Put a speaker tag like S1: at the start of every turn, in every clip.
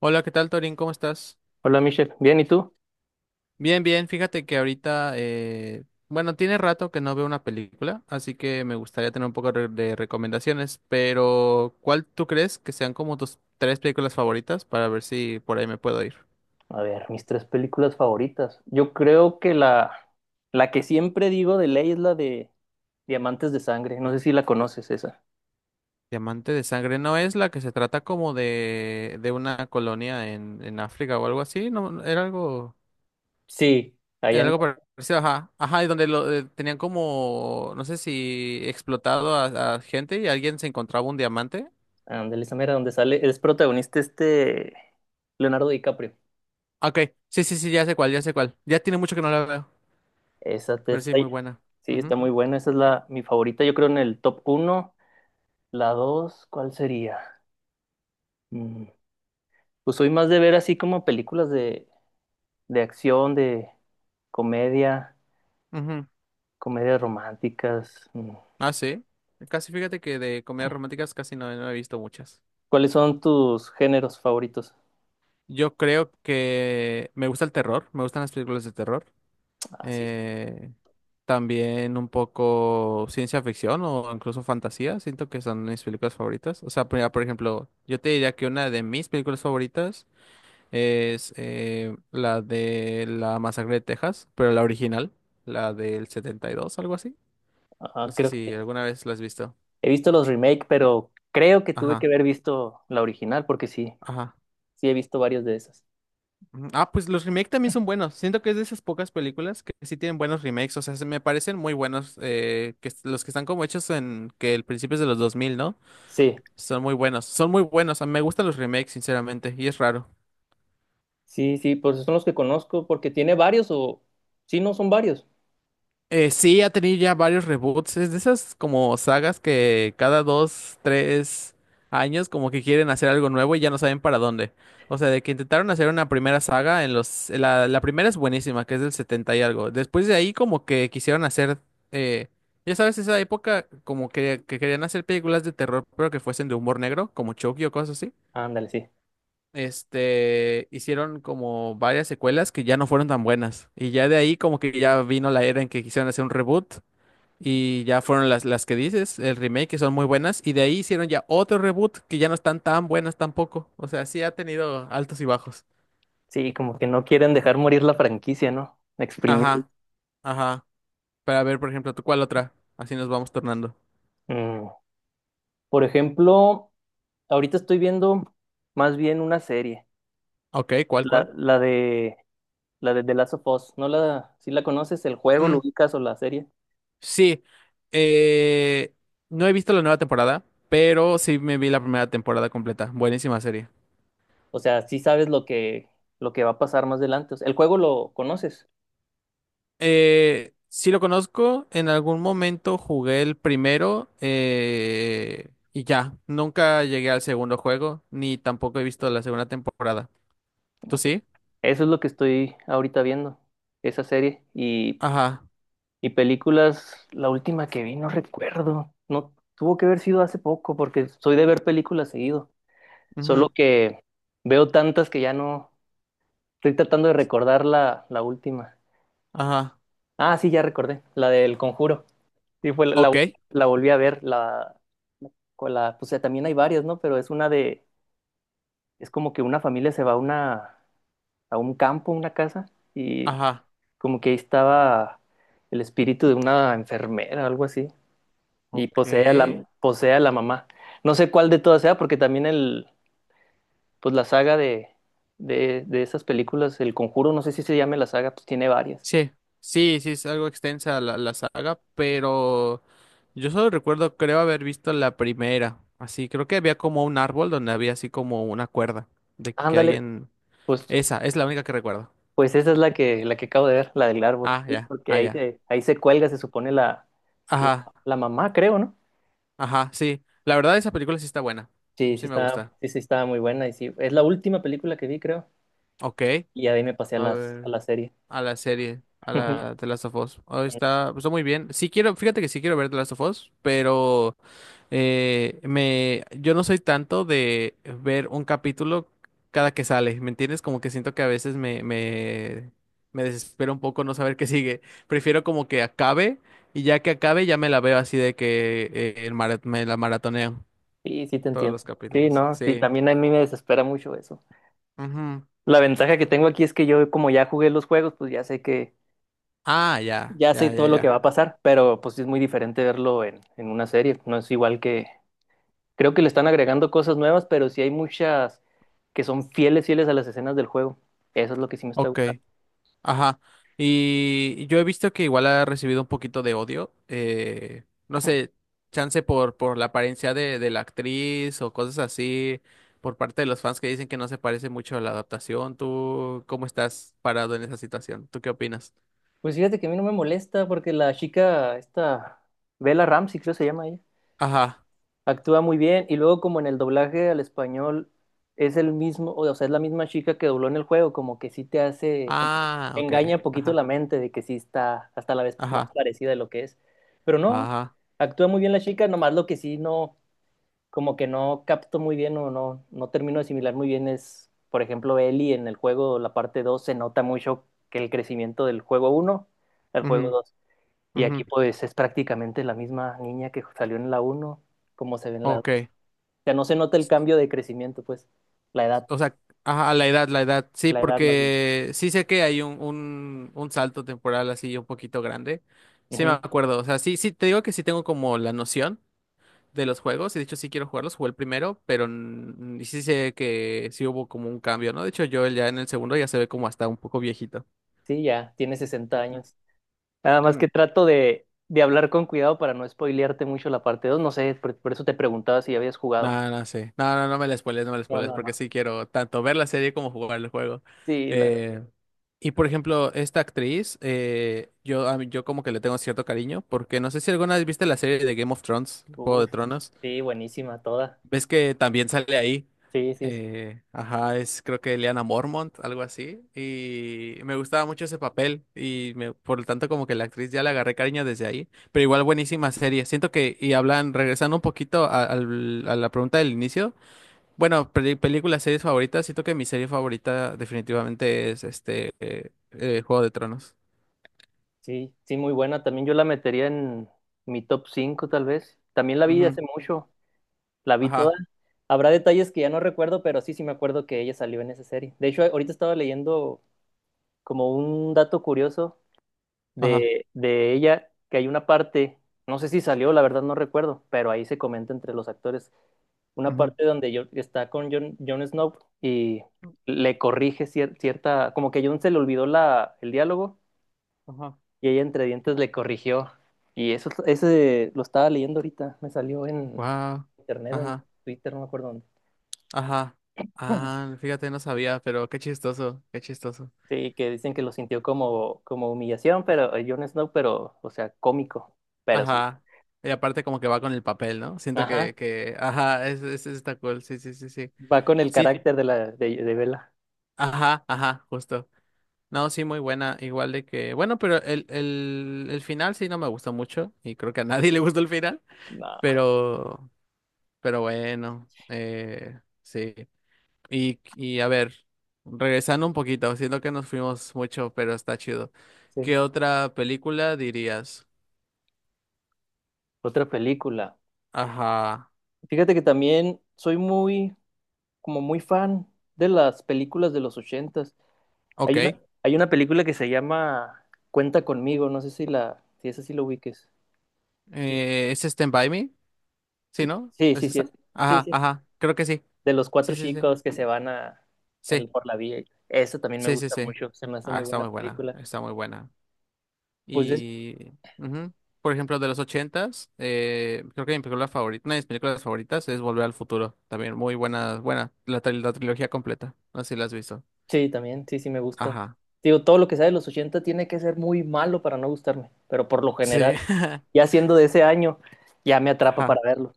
S1: Hola, ¿qué tal, Torín? ¿Cómo estás?
S2: Hola Michelle, bien, ¿y tú?
S1: Bien, bien. Fíjate que ahorita, bueno, tiene rato que no veo una película, así que me gustaría tener un poco de recomendaciones, pero ¿cuál tú crees que sean como tus tres películas favoritas para ver si por ahí me puedo ir?
S2: A ver, mis tres películas favoritas. Yo creo que la que siempre digo de ley es la de Diamantes de Sangre. No sé si la conoces esa.
S1: Diamante de Sangre, ¿no es la que se trata como de una colonia en África o algo así? No, no,
S2: Sí, allá
S1: era
S2: en
S1: algo parecido, ajá, ajá, y donde tenían como, no sé, si explotado a gente y alguien se encontraba un diamante.
S2: ándale, esa mera donde sale, es protagonista este Leonardo DiCaprio.
S1: Ok, sí, sí, sí, ya sé cuál, ya sé cuál. Ya tiene mucho que no la veo,
S2: Esa te
S1: pero
S2: esa-
S1: sí, muy buena.
S2: Sí,
S1: Ujú,
S2: está muy buena. Esa es la mi favorita. Yo creo en el top uno. La dos, ¿cuál sería? Mm, Pues soy más de ver así como películas de acción, de comedia.
S1: ujú.
S2: Comedias románticas. Mm.
S1: Ah, sí. Casi, fíjate que de comedias románticas casi no, no he visto muchas.
S2: ¿Cuáles son tus géneros favoritos?
S1: Yo creo que me gusta el terror, me gustan las películas de terror.
S2: Ah, sí,
S1: Eh, También un poco ciencia ficción o incluso fantasía, siento que son mis películas favoritas. O sea, por ejemplo, yo te diría que una de mis películas favoritas es la de la masacre de Texas, pero la original, la del setenta y dos, algo así. No
S2: ah,
S1: sé
S2: creo que sí.
S1: si alguna vez la has visto.
S2: He visto los remake, pero creo que tuve que
S1: Ajá,
S2: haber visto la original, porque sí,
S1: ajá.
S2: sí he visto varios de esas.
S1: Ujú. Ah, pues los remakes también son buenos. Siento que es de esas pocas películas que sí tienen buenos remakes. O sea, se me parecen muy buenos. Los que están como hechos en que el principio es de los dos mil, ¿no?
S2: Sí,
S1: Son muy buenos. Son muy buenos. A mí me gustan los remakes, sinceramente. Y es raro.
S2: sí, sí, pues son los que conozco, porque tiene varios. Sí, no, son varios.
S1: Sí, ha tenido ya varios reboots. Es de esas como sagas que cada dos, tres años como que quieren hacer algo nuevo y ya no saben para dónde. O sea, de que intentaron hacer una primera saga en los... La primera es buenísima, que es del 70 y algo. Después de ahí como que quisieron hacer... eh, ya sabes, esa época como que querían hacer películas de terror, pero que fuesen de humor negro, como Chucky o cosas así.
S2: Ándale, sí.
S1: Este, hicieron como varias secuelas que ya no fueron tan buenas. Y ya de ahí como que ya vino la era en que quisieron hacer un reboot y ya fueron las que dices, el remake, que son muy buenas. Y de ahí hicieron ya otro reboot que ya no están tan buenas tampoco. O sea, sí ha tenido altos y bajos.
S2: Sí, como que no quieren dejar morir la franquicia, ¿no? Exprimir.
S1: Ajá, ajá. Para ver, por ejemplo, ¿tú cuál otra? Así nos vamos tornando.
S2: Mm. Por ejemplo, ahorita estoy viendo más bien una serie,
S1: Ok, ¿cuál,
S2: la,
S1: cuál?
S2: la de La de The Last of Us. ¿No? Si la conoces, ¿el juego lo
S1: Mm,
S2: ubicas o la serie?
S1: sí. Eh, no he visto la nueva temporada, pero sí me vi la primera temporada completa. Buenísima serie.
S2: O sea, sí sabes lo que va a pasar más adelante. O sea, el juego lo conoces.
S1: Sí lo conozco, en algún momento jugué el primero, y ya, nunca llegué al segundo juego, ni tampoco he visto la segunda temporada. ¿Tú
S2: Ah, pues,
S1: sí?
S2: eso es lo que estoy ahorita viendo, esa serie. Y,
S1: Ajá,
S2: y películas, la última que vi, no recuerdo. No, tuvo que haber sido hace poco, porque soy de ver películas seguido. Solo
S1: ujú,
S2: que veo tantas que ya no. Estoy tratando de recordar la última.
S1: ajá,
S2: Ah, sí, ya recordé, la del Conjuro. Sí, fue la, la
S1: ok,
S2: vol- la volví a ver, pues, también hay varias, ¿no? Pero es como que una familia se va a a un campo, una casa, y
S1: ajá,
S2: como que ahí estaba el espíritu de una enfermera, algo así, y posee a
S1: ok.
S2: la mamá. No sé cuál de todas sea, porque también pues la saga de, de esas películas, El Conjuro, no sé si se llame la saga, pues tiene varias.
S1: Sí, sí, sí, es algo extensa la saga, pero yo solo recuerdo, creo haber visto la primera, así, creo que había como un árbol donde había así como una cuerda de que
S2: Ándale,
S1: alguien...
S2: pues
S1: Esa es la única que recuerdo.
S2: Pues esa es la que acabo de ver, la del árbol.
S1: Ah,
S2: Sí,
S1: ya,
S2: porque
S1: ah,
S2: ahí
S1: ya.
S2: se, ahí se cuelga, se supone, la,
S1: Ajá,
S2: la mamá, creo, ¿no?
S1: ajá, sí. La verdad, esa película sí está buena.
S2: Sí, sí
S1: Sí me
S2: está,
S1: gusta.
S2: sí, sí estaba muy buena. Y sí, es la última película que vi, creo.
S1: Ok,
S2: Y ya de ahí me pasé a
S1: a
S2: las, a
S1: ver,
S2: la serie.
S1: a la serie, a
S2: Ujú.
S1: la The Last of Us. Oh, está, está muy bien. Sí quiero, fíjate que sí quiero ver The Last of Us, pero yo no soy tanto de ver un capítulo cada que sale, ¿me entiendes? Como que siento que a veces me desespero un poco no saber qué sigue. Prefiero como que acabe y ya que acabe ya me la veo, así de que me la maratoneo
S2: Sí, sí te
S1: todos
S2: entiendo.
S1: los
S2: Sí,
S1: capítulos.
S2: no, sí,
S1: Sí.
S2: también a mí me desespera mucho eso.
S1: Ujú.
S2: La ventaja que tengo aquí es que yo, como ya jugué los juegos, pues
S1: Ah, ya,
S2: ya sé
S1: ya, ya,
S2: todo lo
S1: ya.
S2: que va a pasar, pero pues sí es muy diferente verlo en una serie. No es igual que, creo que le están agregando cosas nuevas, pero sí hay muchas que son fieles, fieles a las escenas del juego. Eso es lo que sí me está
S1: Ok,
S2: gustando.
S1: ajá. Y yo he visto que igual ha recibido un poquito de odio. No sé, chance por la apariencia de la actriz o cosas así, por parte de los fans que dicen que no se parece mucho a la adaptación. ¿Tú cómo estás parado en esa situación? ¿Tú qué opinas?
S2: Pues fíjate que a mí no me molesta porque la chica, esta Bella Ramsey, creo se llama ella,
S1: Ajá.
S2: actúa muy bien, y luego como en el doblaje al español es el mismo, o sea, es la misma chica que dobló en el juego, como que sí te hace, como que
S1: Ah, ok.
S2: engaña un poquito
S1: Ajá.
S2: la mente de que sí está hasta la vez más
S1: Ajá.
S2: parecida de lo que es. Pero no,
S1: Ajá.
S2: actúa muy bien la chica, nomás lo que sí no, como que no capto muy bien, o no termino de asimilar muy bien es, por ejemplo, Eli en el juego, la parte dos, se nota mucho que el crecimiento del juego uno al
S1: Ujú,
S2: juego dos. Y
S1: ujú.
S2: aquí pues es prácticamente la misma niña que salió en la uno como se ve en la dos.
S1: Ok.
S2: O sea, no se nota el cambio de crecimiento, pues la edad,
S1: O sea, ajá, la edad, la edad. Sí,
S2: la edad más bien.
S1: porque sí sé que hay un salto temporal así un poquito grande. Sí me
S2: Ujú.
S1: acuerdo. O sea, sí, sí, te digo que sí tengo como la noción de los juegos. De hecho, sí quiero jugarlos. Jugué el primero, pero mm, sí sé que sí hubo como un cambio, ¿no? De hecho, yo ya en el segundo ya se ve como hasta un poco viejito.
S2: Sí, ya, tiene 60 años. Nada más que trato de hablar con cuidado para no spoilearte mucho la parte dos. No sé, por eso te preguntaba si ya habías jugado.
S1: No, no sé. No, no, no me la spoiles, no me la
S2: No,
S1: spoiles,
S2: no,
S1: porque
S2: no.
S1: sí quiero tanto ver la serie como jugar el juego.
S2: Sí,
S1: Eh, y por ejemplo, esta actriz, yo como que le tengo cierto cariño, porque no sé si alguna vez viste la serie de Game of Thrones, Juego de
S2: uf,
S1: Tronos.
S2: sí, buenísima toda.
S1: Ves que también sale ahí.
S2: Sí, sí,
S1: Ajá, es, creo que Lyanna Mormont, algo así. Y me gustaba mucho ese papel. Por lo tanto, como que la actriz ya le agarré cariño desde ahí. Pero igual, buenísima serie. Siento que, y hablan, regresando un poquito a la pregunta del inicio. Bueno, películas, series favoritas. Siento que mi serie favorita definitivamente es este Juego de Tronos.
S2: sí, sí, muy buena. También yo la metería en mi top 5 tal vez. También la vi
S1: Ujú,
S2: hace mucho, la vi toda.
S1: ajá,
S2: Habrá detalles que ya no recuerdo, pero sí, sí me acuerdo que ella salió en esa serie. De hecho, ahorita estaba leyendo como un dato curioso
S1: ajá,
S2: de ella, que hay una parte, no sé si salió, la verdad no recuerdo, pero ahí se comenta entre los actores, una
S1: ujú,
S2: parte donde está con Jon Snow, y le corrige cierta, como que Jon se le olvidó el diálogo
S1: ajá.
S2: y ella entre dientes le corrigió. Y eso, ese lo estaba leyendo ahorita, me salió en
S1: Wow,
S2: internet o en
S1: ajá,
S2: Twitter, no me acuerdo dónde.
S1: ajá.
S2: Ujú.
S1: Ah, fíjate, no sabía, pero qué chistoso, qué chistoso.
S2: Sí, que dicen que lo sintió como humillación, pero, Jon Snow, pero, o sea, cómico, pero sí.
S1: Ajá. Y aparte como que va con el papel, ¿no? Siento
S2: Ajá.
S1: ajá, está cool, sí, sí, sí, sí.
S2: Va con el
S1: Sí,
S2: carácter de la de Bella.
S1: ajá, ajá, justo. No, sí, muy buena. Igual de que, bueno, pero el final sí no me gustó mucho y creo que a nadie le gustó el final,
S2: No.
S1: pero, pero bueno, sí. Y a ver, regresando un poquito, siento que nos fuimos mucho, pero está chido.
S2: Sí.
S1: ¿Qué otra película dirías?
S2: Otra película.
S1: Ajá,
S2: Fíjate que también soy como muy fan de las películas de los ochentas. Hay
S1: ok.
S2: una, hay una película que se llama Cuenta conmigo, no sé si esa sí lo ubiques. Sí,
S1: ¿Es Stand By Me? ¿Sí, no?
S2: sí,
S1: ¿Es
S2: sí, sí,
S1: esa?
S2: sí,
S1: Ajá,
S2: sí.
S1: ajá, creo que sí.
S2: De los
S1: Sí,
S2: cuatro
S1: sí, sí.
S2: chicos que se van
S1: Sí,
S2: por la vía. Eso también me
S1: sí, sí,
S2: gusta
S1: sí.
S2: mucho, se me hace
S1: Ah,
S2: muy
S1: está
S2: buena
S1: muy buena,
S2: película.
S1: está muy buena.
S2: Pues es-
S1: Y, ujú. Por ejemplo, de los ochentas, creo que mi película favorita, una de mis películas favoritas es Volver al Futuro. También muy buena, buena, la trilogía completa. No sé si la has visto.
S2: Sí, también, sí, sí me gusta.
S1: Ajá.
S2: Digo, todo lo que sea de los 80 tiene que ser muy malo para no gustarme, pero por lo general,
S1: Sí.
S2: ya siendo de ese año, ya me atrapa para
S1: Ajá.
S2: verlo.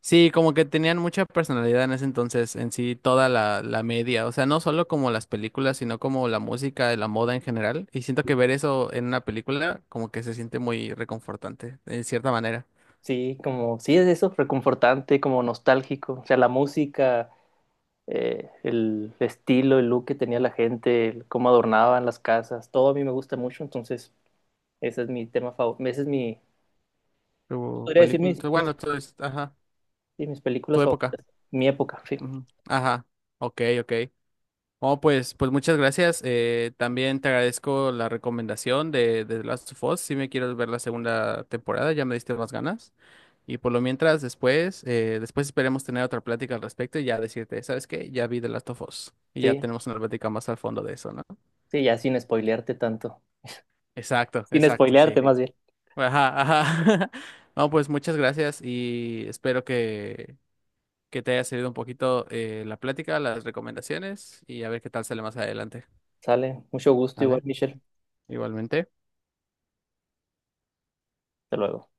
S1: Sí, como que tenían mucha personalidad en ese entonces, en sí, toda la media. O sea, no solo como las películas, sino como la música, la moda en general. Y siento que ver eso en una película, como que se siente muy reconfortante, en cierta manera.
S2: Sí, como, sí, es eso, reconfortante, como nostálgico. O sea, la música, el estilo, el look que tenía la gente, el cómo adornaban las casas, todo a mí me gusta mucho, entonces ese es mi tema favorito, ese es mi,
S1: Tu
S2: podría decir
S1: película,
S2: mis,
S1: bueno, tu, ajá,
S2: sí, mis
S1: tu
S2: películas
S1: época.
S2: favoritas, mi época, sí,
S1: Ujú. Ajá, ok, ok. Oh, pues, pues muchas gracias. También te agradezco la recomendación de The Last of Us. Si me quieres ver la segunda temporada, ya me diste más ganas. Y por lo mientras, después, después esperemos tener otra plática al respecto y ya decirte, ¿sabes qué? Ya vi The Last of Us. Y ya
S2: sí,
S1: tenemos una plática más al fondo de eso, ¿no?
S2: sí, ya sin spoilearte tanto,
S1: Exacto,
S2: sin
S1: exacto,
S2: spoilearte
S1: sí.
S2: más bien.
S1: Ajá, ajá. No, pues muchas gracias y espero que te haya servido un poquito, la plática, las recomendaciones y a ver qué tal sale más adelante.
S2: Sale. Mucho gusto igual,
S1: Vale,
S2: Michelle.
S1: igualmente.
S2: Hasta luego.